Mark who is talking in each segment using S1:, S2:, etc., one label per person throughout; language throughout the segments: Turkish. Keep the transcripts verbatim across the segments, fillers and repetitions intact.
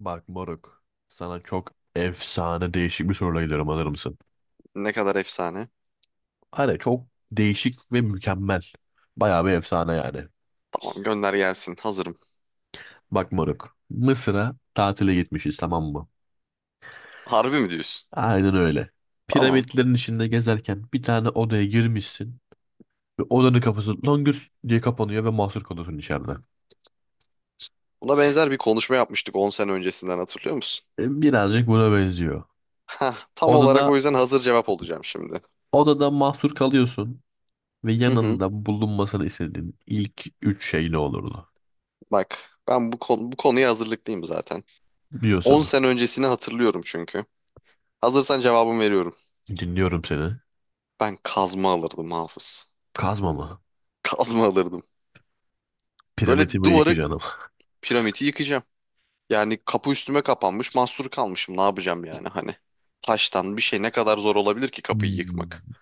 S1: Bak moruk. Sana çok efsane değişik bir soruyla geliyorum, alır mısın?
S2: Ne kadar efsane.
S1: Hani çok değişik ve mükemmel. Bayağı bir efsane yani.
S2: Tamam, gönder gelsin. Hazırım.
S1: Bak moruk. Mısır'a tatile gitmişiz, tamam mı?
S2: Harbi mi diyorsun?
S1: Aynen öyle.
S2: Tamam.
S1: Piramitlerin içinde gezerken bir tane odaya girmişsin. Ve odanın kapısı longür diye kapanıyor ve mahsur kalıyorsun içeride.
S2: Buna benzer bir konuşma yapmıştık on sene öncesinden, hatırlıyor musun?
S1: E, birazcık buna benziyor.
S2: Hah, tam olarak o
S1: Odada
S2: yüzden hazır cevap olacağım şimdi.
S1: odada mahsur kalıyorsun ve
S2: Hı hı.
S1: yanında bulunmasını istediğin ilk üç şey ne olurdu?
S2: Bak, ben bu, konu, bu konuya hazırlıklıyım zaten. on
S1: Biliyorsun.
S2: sene öncesini hatırlıyorum çünkü. Hazırsan cevabımı veriyorum.
S1: Dinliyorum seni.
S2: Ben kazma alırdım Hafız.
S1: Kazma mı?
S2: Kazma alırdım. Böyle
S1: Piramitimi
S2: duvarı
S1: yıkacağım.
S2: piramidi yıkacağım. Yani kapı üstüme kapanmış, mahsur kalmışım, ne yapacağım yani hani. Taştan bir şey ne kadar zor olabilir ki kapıyı yıkmak?
S1: Hmm.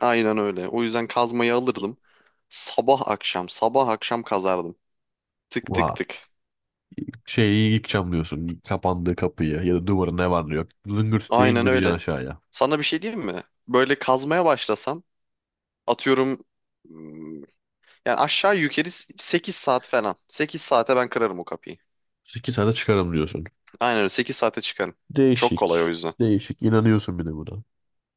S2: Aynen öyle. O yüzden kazmayı alırdım. Sabah akşam, sabah akşam kazardım. Tık tık
S1: Va
S2: tık.
S1: şeyi yıkacağım diyorsun. Kapandığı kapıyı ya da duvarı, ne var ne yok, zıngırt diye
S2: Aynen
S1: indireceksin
S2: öyle.
S1: aşağıya.
S2: Sana bir şey diyeyim mi? Böyle kazmaya başlasam, atıyorum, hmm, yani aşağı yukarı sekiz saat falan. sekize saate ben kırarım o kapıyı.
S1: İki tane çıkarım diyorsun.
S2: Aynen öyle, sekize saate çıkarım. Çok kolay o
S1: Değişik.
S2: yüzden.
S1: Değişik. İnanıyorsun bir de buna.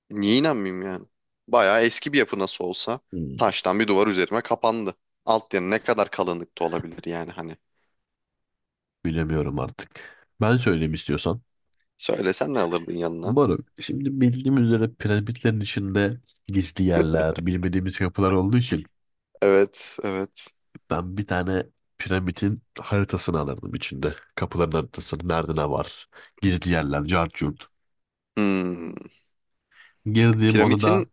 S2: Niye inanmayayım yani? Bayağı eski bir yapı nasıl olsa,
S1: Hmm.
S2: taştan bir duvar üzerime kapandı. Alt yanı ne kadar kalınlıkta olabilir yani hani.
S1: Bilemiyorum artık. Ben söyleyeyim istiyorsan.
S2: Söylesen ne alırdın yanına?
S1: Baruk, şimdi bildiğim üzere piramitlerin içinde gizli yerler, bilmediğimiz kapılar olduğu için
S2: Evet, evet.
S1: ben bir tane piramidin haritasını alırdım içinde. Kapıların haritasını. Nerede ne var? Gizli yerler, cart curt.
S2: Hmm.
S1: Girdiğim
S2: Piramidin
S1: odada,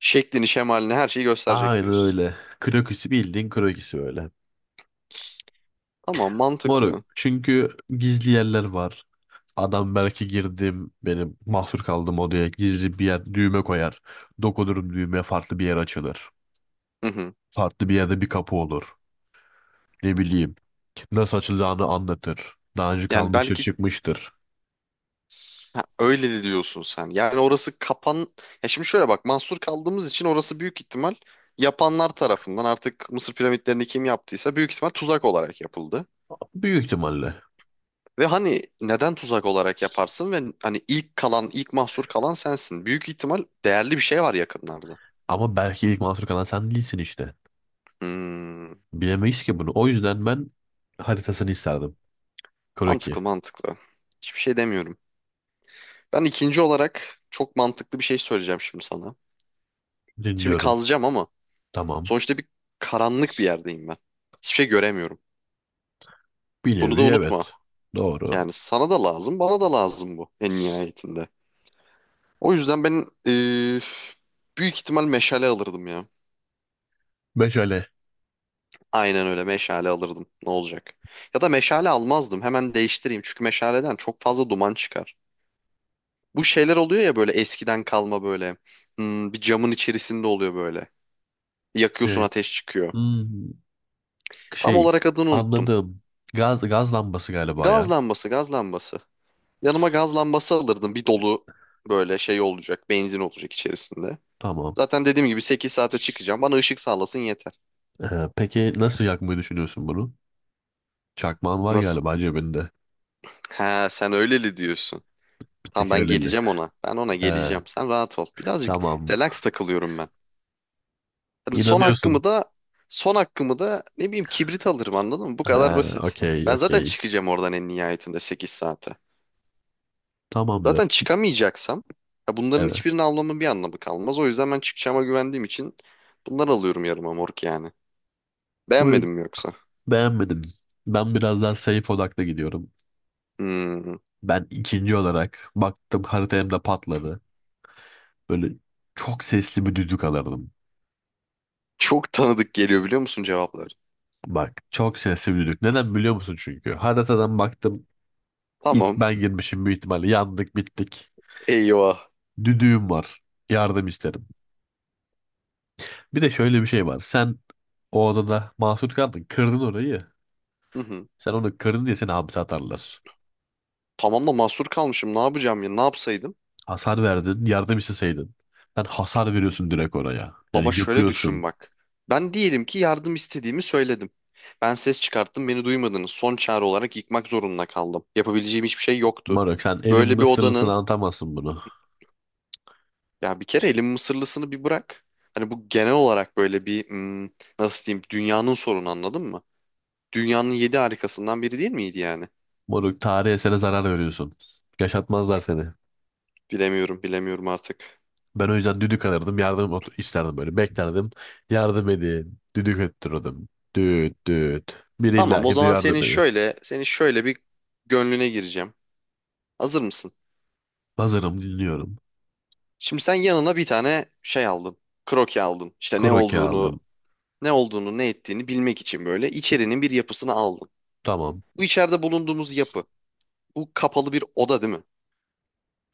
S2: şeklini, şemalini, her şeyi gösterecek
S1: aynen
S2: diyorsun.
S1: öyle. Kroküsü, bildiğin kroküsü böyle.
S2: Ama
S1: Moruk.
S2: mantıklı.
S1: Çünkü gizli yerler var. Adam belki girdim benim mahsur kaldığım odaya gizli bir yer düğme koyar. Dokunurum düğmeye, farklı bir yer açılır.
S2: Hı hı.
S1: Farklı bir yerde bir kapı olur. Ne bileyim, nasıl açılacağını anlatır. Daha önce
S2: Yani
S1: kalmıştır,
S2: belki
S1: çıkmıştır.
S2: öyle de diyorsun sen. Yani orası kapan... Ya şimdi şöyle bak, mahsur kaldığımız için orası büyük ihtimal yapanlar tarafından, artık Mısır piramitlerini kim yaptıysa, büyük ihtimal tuzak olarak yapıldı.
S1: Büyük ihtimalle.
S2: Ve hani neden tuzak olarak yaparsın ve hani ilk kalan, ilk mahsur kalan sensin. Büyük ihtimal değerli bir şey var yakınlarda.
S1: Ama belki ilk mahsur kalan sen değilsin işte.
S2: Hmm,
S1: Bilemeyiz ki bunu. O yüzden ben haritasını isterdim. Kroki.
S2: mantıklı mantıklı. Hiçbir şey demiyorum. Ben ikinci olarak çok mantıklı bir şey söyleyeceğim şimdi sana. Şimdi
S1: Dinliyorum.
S2: kazacağım ama
S1: Tamam.
S2: sonuçta bir karanlık bir yerdeyim ben. Hiçbir şey göremiyorum.
S1: Bir
S2: Bunu da
S1: nevi evet.
S2: unutma.
S1: Doğru.
S2: Yani sana da lazım, bana da lazım bu en nihayetinde. O yüzden ben eee, büyük ihtimal meşale alırdım ya.
S1: Meşale.
S2: Aynen öyle, meşale alırdım. Ne olacak? Ya da meşale almazdım. Hemen değiştireyim. Çünkü meşaleden çok fazla duman çıkar. Bu şeyler oluyor ya, böyle eskiden kalma böyle. Hmm, bir camın içerisinde oluyor böyle. Yakıyorsun,
S1: Ee,
S2: ateş çıkıyor.
S1: hmm,
S2: Tam
S1: şey.
S2: olarak adını unuttum.
S1: Anladım. Gaz, gaz lambası galiba
S2: Gaz
S1: ya.
S2: lambası, gaz lambası. Yanıma gaz lambası alırdım. Bir dolu böyle şey olacak. Benzin olacak içerisinde.
S1: Tamam.
S2: Zaten dediğim gibi sekiz saate çıkacağım. Bana ışık sağlasın yeter.
S1: Ee, peki nasıl yakmayı düşünüyorsun bunu? Çakmağın var
S2: Nasıl?
S1: galiba cebinde.
S2: Ha, sen öyleli diyorsun.
S1: Bir
S2: Tamam,
S1: tek
S2: ben
S1: öyleli.
S2: geleceğim ona. Ben ona
S1: Ee,
S2: geleceğim. Sen rahat ol. Birazcık
S1: tamam.
S2: relax takılıyorum ben. Hani son
S1: İnanıyorsun.
S2: hakkımı da son hakkımı da ne bileyim kibrit alırım, anladın mı? Bu
S1: Ha,
S2: kadar basit.
S1: okey,
S2: Ben zaten
S1: okey.
S2: çıkacağım oradan en nihayetinde sekiz saate. Zaten
S1: Tamamdır.
S2: çıkamayacaksam ya, bunların
S1: Evet.
S2: hiçbirini almamın bir anlamı kalmaz. O yüzden ben çıkacağıma güvendiğim için bunları alıyorum, yarıma mork yani.
S1: Bu
S2: Beğenmedin mi yoksa?
S1: Beğenmedim. Ben biraz daha safe odaklı gidiyorum.
S2: Hmm.
S1: Ben ikinci olarak baktım, harita hem patladı. Böyle çok sesli bir düdük alırdım.
S2: Çok tanıdık geliyor biliyor musun cevaplar?
S1: Bak, çok sesli bir düdük. Neden biliyor musun çünkü? Haritadan baktım, ilk
S2: Tamam.
S1: ben girmişim, büyük ihtimalle yandık bittik.
S2: Eyvah.
S1: Düdüğüm var. Yardım isterim. Bir de şöyle bir şey var. Sen o odada mahsur kaldın. Kırdın orayı.
S2: Hı hı.
S1: Sen onu kırdın diye seni hapse atarlar.
S2: Tamam da mahsur kalmışım. Ne yapacağım ya? Ne yapsaydım?
S1: Hasar verdin. Yardım isteseydin. Sen hasar veriyorsun direkt oraya. Yani
S2: Ama şöyle düşün
S1: yıkıyorsun.
S2: bak. Ben diyelim ki yardım istediğimi söyledim. Ben ses çıkarttım, beni duymadınız. Son çare olarak yıkmak zorunda kaldım. Yapabileceğim hiçbir şey yoktu.
S1: Moruk, sen elin
S2: Böyle bir
S1: Mısırlısını
S2: odanın,
S1: anlatamazsın bunu.
S2: ya bir kere elin mısırlısını bir bırak. Hani bu genel olarak böyle bir, hmm, nasıl diyeyim, dünyanın sorunu, anladın mı? Dünyanın yedi harikasından biri değil miydi yani?
S1: Moruk, tarihe, eserine zarar veriyorsun. Yaşatmazlar seni.
S2: Bilemiyorum, bilemiyorum artık.
S1: Ben o yüzden düdük alırdım. Yardım ot- isterdim böyle. Beklerdim. Yardım edin. Düdük öttürürdüm. Düt düt. Biri
S2: Tamam, o
S1: illaki
S2: zaman
S1: duyardı
S2: senin
S1: beni.
S2: şöyle senin şöyle bir gönlüne gireceğim. Hazır mısın?
S1: Hazırım, dinliyorum.
S2: Şimdi sen yanına bir tane şey aldın. Kroki aldın. İşte ne
S1: Kroki
S2: olduğunu
S1: aldım.
S2: ne olduğunu ne ettiğini bilmek için böyle içerinin bir yapısını aldın.
S1: Tamam.
S2: Bu içeride bulunduğumuz yapı. Bu kapalı bir oda, değil mi?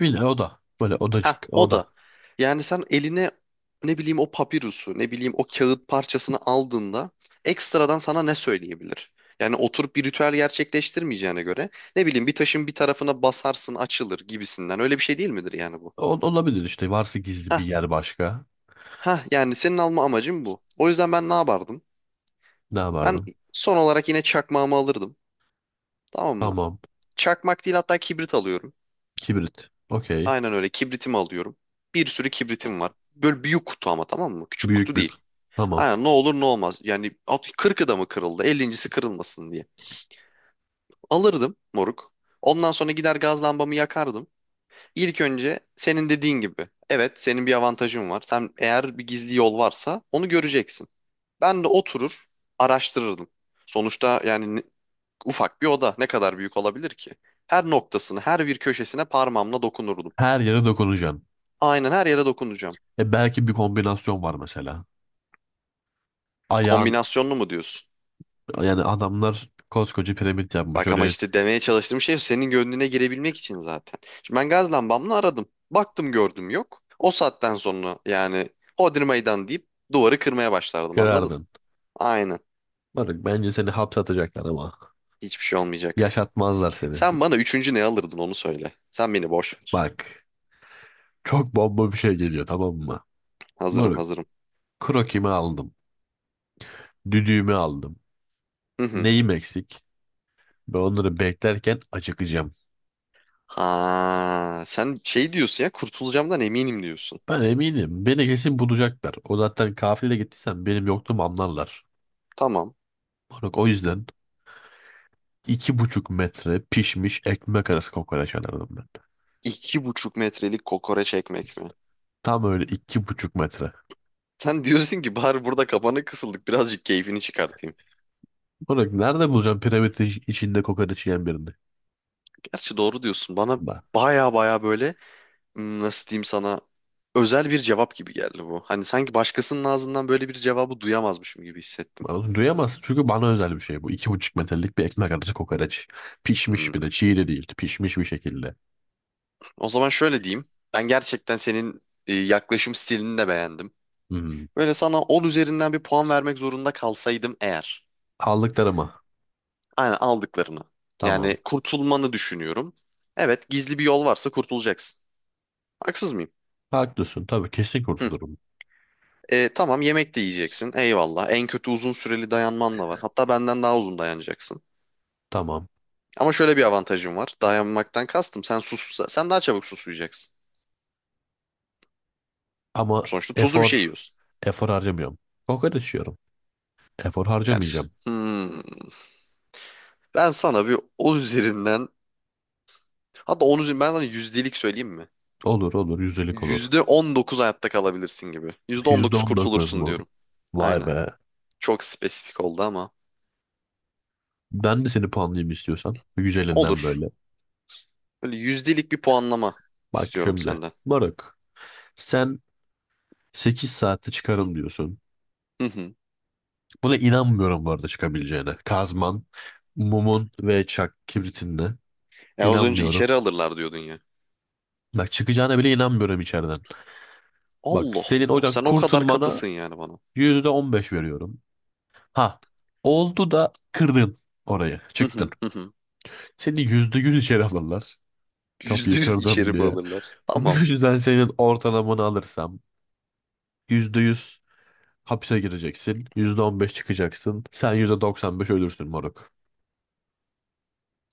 S1: Bir de oda. Böyle odacık.
S2: Ha, o
S1: Oda.
S2: da. Yani sen eline, ne bileyim, o papirusu, ne bileyim, o kağıt parçasını aldığında, ekstradan sana ne söyleyebilir? Yani oturup bir ritüel gerçekleştirmeyeceğine göre, ne bileyim, bir taşın bir tarafına basarsın açılır gibisinden, öyle bir şey değil midir yani bu?
S1: O, olabilir işte. Varsa gizli bir
S2: Ha,
S1: yer başka.
S2: ha, yani senin alma amacın bu. O yüzden ben ne yapardım?
S1: Ne
S2: Ben
S1: yapardım?
S2: son olarak yine çakmağımı alırdım. Tamam mı?
S1: Tamam.
S2: Çakmak değil, hatta kibrit alıyorum.
S1: Kibrit. Okey.
S2: Aynen öyle, kibritimi alıyorum. Bir sürü kibritim var. Böyle büyük kutu ama, tamam mı? Küçük
S1: Büyük
S2: kutu
S1: büyük.
S2: değil.
S1: Tamam.
S2: Aynen, ne olur ne olmaz. Yani at kırkı da mı kırıldı? ellinci.si kırılmasın diye. Alırdım moruk. Ondan sonra gider gaz lambamı yakardım. İlk önce senin dediğin gibi. Evet, senin bir avantajın var. Sen, eğer bir gizli yol varsa, onu göreceksin. Ben de oturur araştırırdım. Sonuçta yani ne- ufak bir oda ne kadar büyük olabilir ki? Her noktasını, her bir köşesine parmağımla dokunurdum.
S1: Her yere dokunacaksın.
S2: Aynen, her yere dokunacağım.
S1: E belki bir kombinasyon var mesela. Ayağın
S2: Kombinasyonlu mu diyorsun?
S1: yani adamlar koskoca piramit yapmış
S2: Bak, ama
S1: oraya,
S2: işte demeye çalıştığım şey senin gönlüne girebilmek için zaten. Şimdi ben gaz lambamla aradım. Baktım, gördüm, yok. O saatten sonra yani, Hodri meydan deyip duvarı kırmaya başlardım, anladın?
S1: kırardın.
S2: Aynen.
S1: Bak bence seni hapse atacaklar ama
S2: Hiçbir şey olmayacak.
S1: yaşatmazlar seni.
S2: Sen bana üçüncü ne alırdın, onu söyle. Sen beni boş ver.
S1: Bak, çok bomba bir şey geliyor, tamam mı?
S2: Hazırım,
S1: Moruk,
S2: hazırım.
S1: krokimi aldım. Düdüğümü aldım.
S2: Hı hı.
S1: Neyim eksik? Ben onları beklerken acıkacağım.
S2: Ha, sen şey diyorsun ya, kurtulacağımdan eminim diyorsun.
S1: Ben eminim, beni kesin bulacaklar. O zaten, kafile gittiysen benim yokluğumu anlarlar.
S2: Tamam.
S1: Moruk, o yüzden iki buçuk metre pişmiş ekmek arası kokoreç alırdım ben.
S2: İki buçuk metrelik kokoreç ekmek mi?
S1: Tam öyle, iki buçuk metre.
S2: Sen diyorsun ki bari burada kapana kısıldık, birazcık keyfini çıkartayım.
S1: Oğlum, nerede bulacağım piramit içinde kokoreç yiyen birini?
S2: Gerçi doğru diyorsun. Bana
S1: Bak.
S2: baya baya böyle, hmm, nasıl diyeyim, sana özel bir cevap gibi geldi bu. Hani sanki başkasının ağzından böyle bir cevabı duyamazmışım gibi hissettim.
S1: Oğlum, duyamazsın çünkü bana özel bir şey bu. İki buçuk metrelik bir ekmek arası kokoreç. Pişmiş, bir
S2: Hmm,
S1: de çiğ de değil, pişmiş bir şekilde.
S2: O zaman şöyle diyeyim. Ben gerçekten senin e, yaklaşım stilini de beğendim.
S1: Hmm.
S2: Böyle sana on üzerinden bir puan vermek zorunda kalsaydım eğer.
S1: Aldıklarıma.
S2: Aynen, aldıklarını.
S1: Tamam.
S2: Yani kurtulmanı düşünüyorum. Evet, gizli bir yol varsa kurtulacaksın. Haksız mıyım?
S1: Haklısın. Tabii kesin
S2: Hı.
S1: kurtulurum.
S2: E, tamam, yemek de yiyeceksin. Eyvallah. En kötü uzun süreli dayanman da var. Hatta benden daha uzun dayanacaksın.
S1: Tamam.
S2: Ama şöyle bir avantajım var. Dayanmaktan kastım. Sen sus, sen daha çabuk susuyacaksın.
S1: Ama
S2: Sonuçta tuzlu bir şey
S1: efor
S2: yiyorsun.
S1: efor harcamıyorum. Kokoreç yiyorum. Efor
S2: Yani şi-
S1: harcamayacağım.
S2: hmm, ben sana bir on üzerinden, hatta on üzerinden ben sana yüzdelik söyleyeyim mi?
S1: Olur olur. Yüzdelik olur.
S2: Yüzde on dokuz hayatta kalabilirsin gibi. Yüzde on
S1: Yüzde
S2: dokuz
S1: on dokuz
S2: kurtulursun
S1: mu?
S2: diyorum.
S1: Vay
S2: Aynen.
S1: be.
S2: Çok spesifik oldu ama,
S1: Ben de seni puanlayayım istiyorsan. Güzelinden
S2: olur.
S1: böyle.
S2: Böyle yüzdelik bir puanlama
S1: Bak
S2: istiyorum
S1: şimdi.
S2: senden.
S1: Moruk. Sen 8 saatte çıkarım diyorsun.
S2: Hı hı.
S1: Buna inanmıyorum bu arada, çıkabileceğine. Kazman, mumun ve çak kibritinle.
S2: Ya, az önce
S1: İnanmıyorum.
S2: içeri alırlar diyordun ya.
S1: Bak, çıkacağına bile inanmıyorum içeriden. Bak,
S2: Allah
S1: senin
S2: Allah.
S1: oradan
S2: Sen o kadar
S1: kurtulmana
S2: katısın yani bana.
S1: yüzde on beş veriyorum. Ha, oldu da kırdın orayı.
S2: Hı
S1: Çıktın.
S2: hı hı hı.
S1: Seni yüzde yüz içeri alırlar.
S2: Yüzde
S1: Kapıyı
S2: yüz içeri
S1: kırdım
S2: mi
S1: diye.
S2: alırlar?
S1: Bu
S2: Tamam.
S1: yüzden senin ortalamanı alırsam yüzde yüz hapse gireceksin. yüzde on beş çıkacaksın. Sen yüzde doksan beş ölürsün moruk.